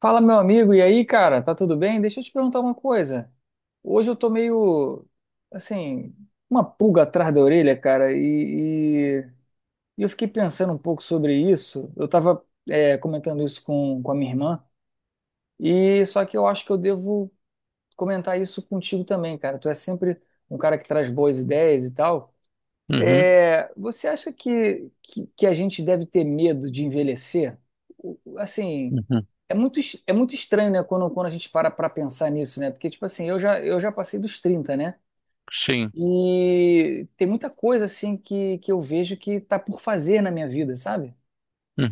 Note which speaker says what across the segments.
Speaker 1: Fala, meu amigo, e aí, cara, tá tudo bem? Deixa eu te perguntar uma coisa. Hoje eu tô meio, assim, uma pulga atrás da orelha, cara, e- e eu fiquei pensando um pouco sobre isso. Eu tava, comentando isso com a minha irmã, e só que eu acho que eu devo comentar isso contigo também, cara. Tu é sempre um cara que traz boas ideias e tal.
Speaker 2: Uhum,
Speaker 1: É, você acha que a gente deve ter medo de envelhecer? Assim,
Speaker 2: uhum,
Speaker 1: é muito estranho, né, quando a gente para para pensar nisso, né? Porque, tipo assim, eu já passei dos trinta, né?
Speaker 2: sim.
Speaker 1: E tem muita coisa, assim, que eu vejo que tá por fazer na minha vida, sabe?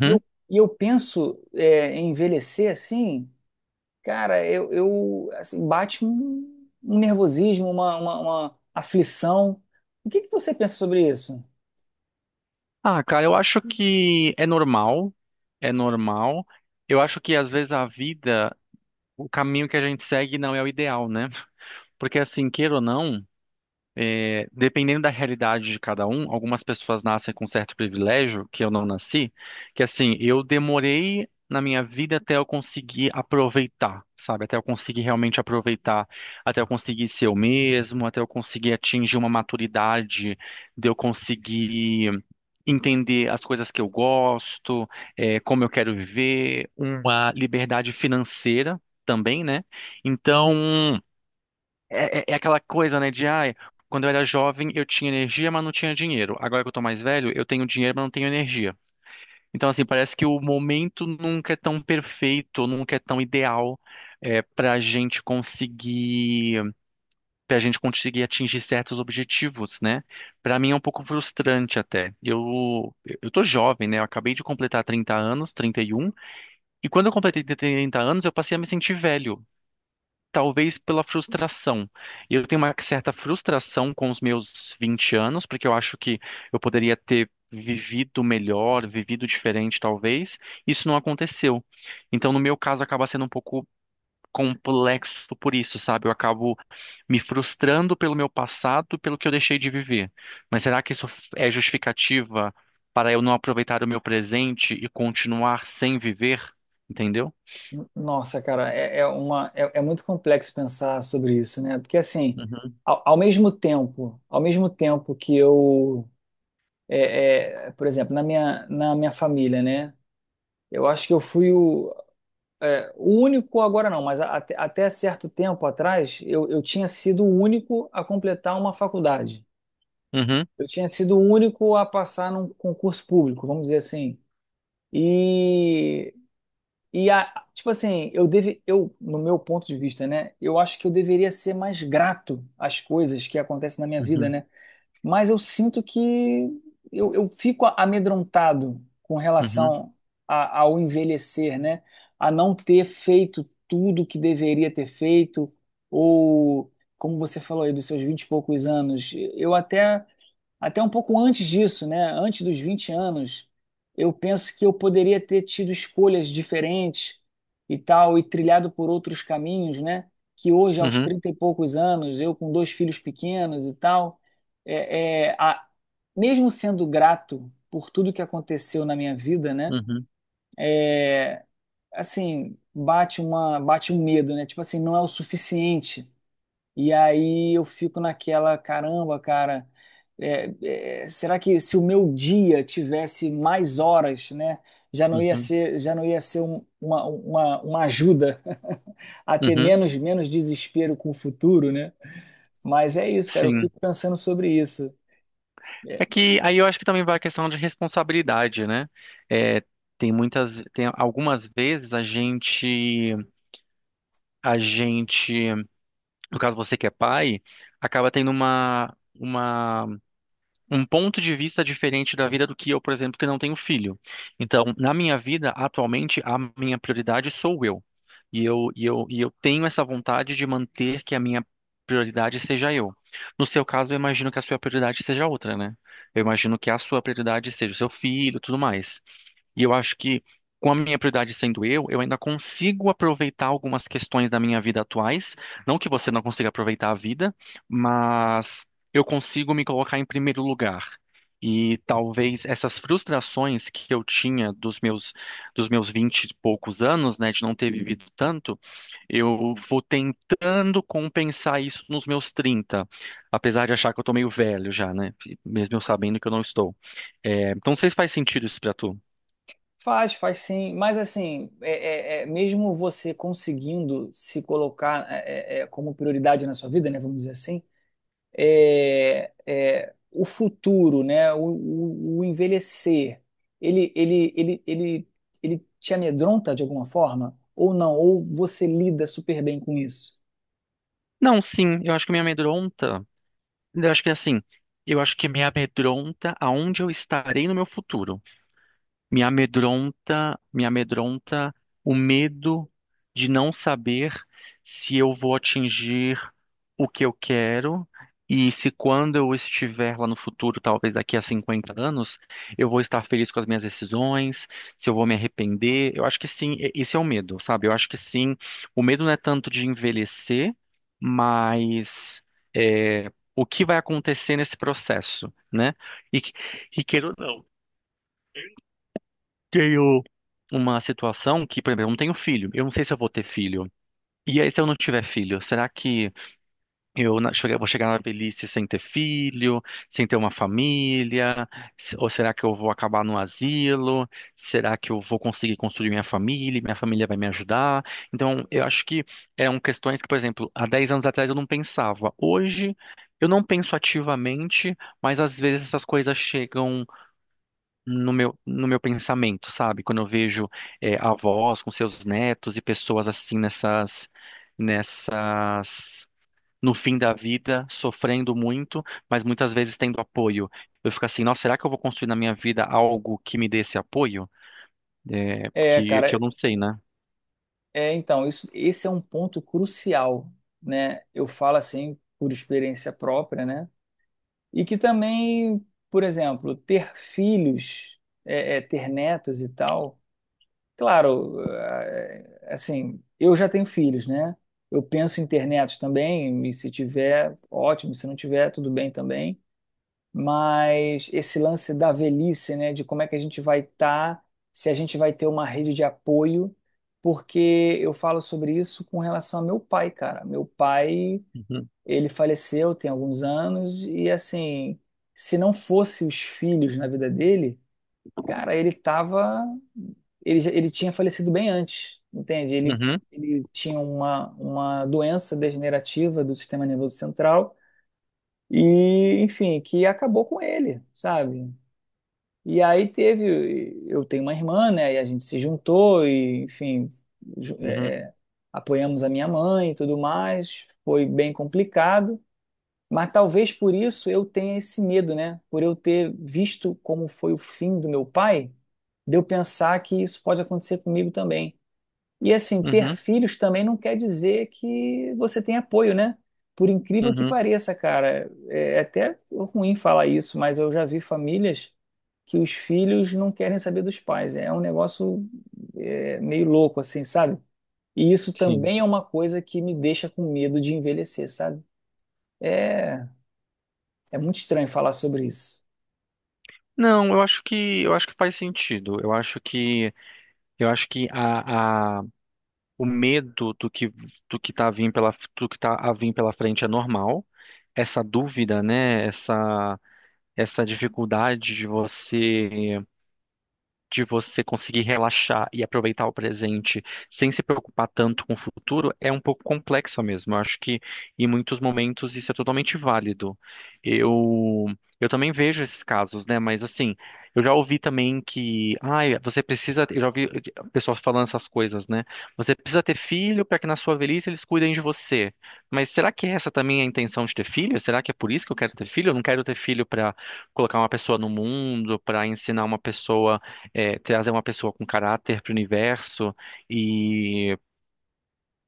Speaker 1: E eu, e eu penso, em envelhecer, assim, cara, eu assim, bate um nervosismo, uma aflição. O que que você pensa sobre isso?
Speaker 2: Ah, cara, eu acho que é normal, é normal. Eu acho que às vezes a vida, o caminho que a gente segue não é o ideal, né? Porque assim, queira ou não. É, dependendo da realidade de cada um, algumas pessoas nascem com certo privilégio, que eu não nasci, que assim, eu demorei na minha vida até eu conseguir aproveitar, sabe? Até eu conseguir realmente aproveitar, até eu conseguir ser eu mesmo, até eu conseguir atingir uma maturidade, de eu conseguir entender as coisas que eu gosto, como eu quero viver, uma liberdade financeira também, né? Então. É aquela coisa, né, de ai, quando eu era jovem eu tinha energia, mas não tinha dinheiro. Agora que eu tô mais velho, eu tenho dinheiro, mas não tenho energia. Então, assim, parece que o momento nunca é tão perfeito, nunca é tão ideal é, para a gente conseguir, para gente conseguir atingir certos objetivos, né? Para mim é um pouco frustrante até. Eu tô jovem, né? Eu acabei de completar 30 anos, 31 e quando eu completei 30 anos, eu passei a me sentir velho. Talvez pela frustração. Eu tenho uma certa frustração com os meus 20 anos, porque eu acho que eu poderia ter vivido melhor, vivido diferente, talvez. Isso não aconteceu. Então, no meu caso, acaba sendo um pouco complexo por isso, sabe? Eu acabo me frustrando pelo meu passado, pelo que eu deixei de viver. Mas será que isso é justificativa para eu não aproveitar o meu presente e continuar sem viver? Entendeu?
Speaker 1: Nossa, cara, é muito complexo pensar sobre isso, né? Porque assim,
Speaker 2: Uhum,
Speaker 1: ao mesmo tempo que eu, por exemplo, na minha família, né? Eu acho que eu fui o único agora não, mas até certo tempo atrás eu tinha sido o único a completar uma faculdade.
Speaker 2: uhum,
Speaker 1: Eu tinha sido o único a passar num concurso público, vamos dizer assim. E E a, tipo assim, eu deve, eu, No meu ponto de vista, né, eu acho que eu deveria ser mais grato às coisas que acontecem na minha vida,
Speaker 2: uhum,
Speaker 1: né? Mas eu sinto que eu fico amedrontado com
Speaker 2: uhum,
Speaker 1: relação ao envelhecer, né? A não ter feito tudo que deveria ter feito, ou como você falou aí, dos seus vinte e poucos anos, eu até um pouco antes disso, né? Antes dos 20 anos, eu penso que eu poderia ter tido escolhas diferentes e tal, e trilhado por outros caminhos, né? Que hoje, aos
Speaker 2: uhum,
Speaker 1: 30 e poucos anos, eu com dois filhos pequenos e tal, é, é, a- mesmo sendo grato por tudo que aconteceu na minha vida, né?
Speaker 2: uhum.
Speaker 1: Assim, bate um medo, né? Tipo assim, não é o suficiente. E aí eu fico naquela, caramba, cara, será que se o meu dia tivesse mais horas, né, já não ia
Speaker 2: Uhum,
Speaker 1: ser, já não ia ser uma ajuda a ter
Speaker 2: uhum,
Speaker 1: menos desespero com o futuro, né? Mas é isso, cara, eu
Speaker 2: sim.
Speaker 1: fico pensando sobre isso.
Speaker 2: É
Speaker 1: É,
Speaker 2: que aí eu acho que também vai a questão de responsabilidade, né? É, tem algumas vezes a gente, no caso você que é pai, acaba tendo uma, um ponto de vista diferente da vida do que eu, por exemplo, que não tenho filho. Então, na minha vida, atualmente, a minha prioridade sou eu. E eu tenho essa vontade de manter que a minha prioridade seja eu. No seu caso, eu imagino que a sua prioridade seja outra, né? Eu imagino que a sua prioridade seja o seu filho, e tudo mais. E eu acho que com a minha prioridade sendo eu ainda consigo aproveitar algumas questões da minha vida atuais. Não que você não consiga aproveitar a vida, mas eu consigo me colocar em primeiro lugar. E talvez essas frustrações que eu tinha dos meus vinte e poucos anos, né, de não ter vivido tanto, eu vou tentando compensar isso nos meus 30, apesar de achar que eu tô meio velho já, né, mesmo eu sabendo que eu não estou. É, então, não sei se faz sentido isso pra tu.
Speaker 1: faz, faz sim, mas assim, é, mesmo você conseguindo se colocar como prioridade na sua vida, né, vamos dizer assim, o futuro, né? O envelhecer, ele, ele, ele, ele, ele te amedronta de alguma forma? Ou não? Ou você lida super bem com isso?
Speaker 2: Não, sim, eu acho que me amedronta. Eu acho que é assim, eu acho que me amedronta aonde eu estarei no meu futuro. Me amedronta o medo de não saber se eu vou atingir o que eu quero e se quando eu estiver lá no futuro, talvez daqui a 50 anos, eu vou estar feliz com as minhas decisões, se eu vou me arrepender. Eu acho que sim, e- esse é o medo, sabe? Eu acho que sim, o medo não é tanto de envelhecer, mas o que vai acontecer nesse processo, né? E, que- e queira ou não tenho uma situação que, por exemplo, eu não tenho filho. Eu não sei se eu vou ter filho. E aí, se eu não tiver filho, será que eu vou chegar na velhice sem ter filho, sem ter uma família? Ou será que eu vou acabar no asilo? Será que eu vou conseguir construir minha família? Minha família vai me ajudar? Então, eu acho que eram questões que, por exemplo, há 10 anos atrás eu não pensava. Hoje, eu não penso ativamente, mas às vezes essas coisas chegam no meu pensamento, sabe? Quando eu vejo avós com seus netos e pessoas assim nessas, no fim da vida, sofrendo muito, mas muitas vezes tendo apoio. Eu fico assim, nossa, será que eu vou construir na minha vida algo que me dê esse apoio? Eh,
Speaker 1: É,
Speaker 2: que, que eu
Speaker 1: cara,
Speaker 2: não sei, né?
Speaker 1: esse é um ponto crucial, né? Eu falo assim por experiência própria, né? E que também, por exemplo, ter filhos, ter netos e tal. Claro, assim, eu já tenho filhos, né? Eu penso em ter netos também, e se tiver, ótimo, se não tiver, tudo bem também. Mas esse lance da velhice, né, de como é que a gente vai estar, se a gente vai ter uma rede de apoio, porque eu falo sobre isso com relação ao meu pai, cara. Meu pai,
Speaker 2: Uhum,
Speaker 1: ele faleceu tem alguns anos, e assim, se não fosse os filhos na vida dele. Cara, ele tava. Ele tinha falecido bem antes, entende?
Speaker 2: uhum,
Speaker 1: Ele tinha uma doença degenerativa do sistema nervoso central e, enfim, que acabou com ele, sabe? E aí teve. Eu tenho uma irmã, né? E a gente se juntou e, enfim, ju-
Speaker 2: uhum,
Speaker 1: é, apoiamos a minha mãe e tudo mais. Foi bem complicado. Mas talvez por isso eu tenha esse medo, né? Por eu ter visto como foi o fim do meu pai, de eu pensar que isso pode acontecer comigo também. E assim, ter
Speaker 2: uhum,
Speaker 1: filhos também não quer dizer que você tem apoio, né? Por incrível que
Speaker 2: uhum,
Speaker 1: pareça, cara, é até ruim falar isso, mas eu já vi famílias que os filhos não querem saber dos pais. É um negócio meio louco, assim, sabe? E isso
Speaker 2: sim.
Speaker 1: também é uma coisa que me deixa com medo de envelhecer, sabe? É. É muito estranho falar sobre isso.
Speaker 2: Não, eu acho que faz sentido. Eu acho que o medo do que tá a vir pela do que tá a vir pela frente é normal. Essa dúvida, né? Essa dificuldade de você conseguir relaxar e aproveitar o presente sem se preocupar tanto com o futuro é um pouco complexa mesmo. Eu acho que em muitos momentos isso é totalmente válido. Eu eu também vejo esses casos, né? Mas assim, eu já ouvi também que, ai, você precisa, eu já ouvi pessoas falando essas coisas, né? Você precisa ter filho para que na sua velhice eles cuidem de você. Mas será que essa também é a intenção de ter filho? Será que é por isso que eu quero ter filho? Eu não quero ter filho para colocar uma pessoa no mundo, para ensinar uma pessoa trazer uma pessoa com caráter para o universo e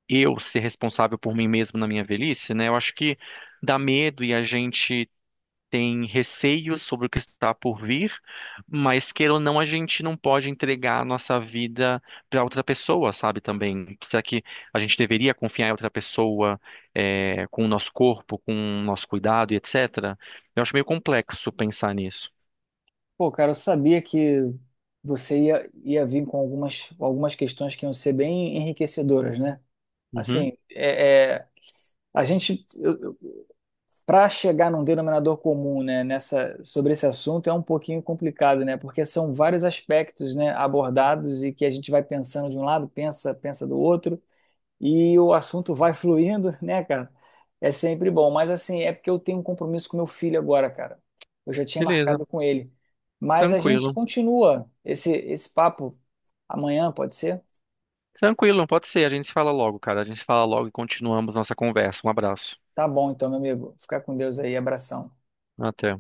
Speaker 2: eu ser responsável por mim mesmo na minha velhice, né? Eu acho que dá medo e a gente tem receios sobre o que está por vir, mas queira ou não, a gente não pode entregar a nossa vida para outra pessoa, sabe? Também. Será que a gente deveria confiar em outra pessoa, com o nosso corpo, com o nosso cuidado e etc? Eu acho meio complexo pensar nisso.
Speaker 1: Pô, cara, eu sabia que ia vir com algumas questões que iam ser bem enriquecedoras, né?
Speaker 2: Uhum.
Speaker 1: Assim, a gente, para chegar num denominador comum, né, nessa, sobre esse assunto é um pouquinho complicado, né? Porque são vários aspectos, né, abordados e que a gente vai pensando de um lado, pensa, pensa do outro. E o assunto vai fluindo, né, cara? É sempre bom. Mas assim, é porque eu tenho um compromisso com meu filho agora, cara. Eu já tinha
Speaker 2: Beleza,
Speaker 1: marcado com ele. Mas a gente
Speaker 2: tranquilo.
Speaker 1: continua esse papo amanhã, pode ser?
Speaker 2: Tranquilo, pode ser. A gente se fala logo, cara. A gente se fala logo e continuamos nossa conversa. Um abraço.
Speaker 1: Tá bom, então, meu amigo. Fica com Deus aí. Abração.
Speaker 2: Até.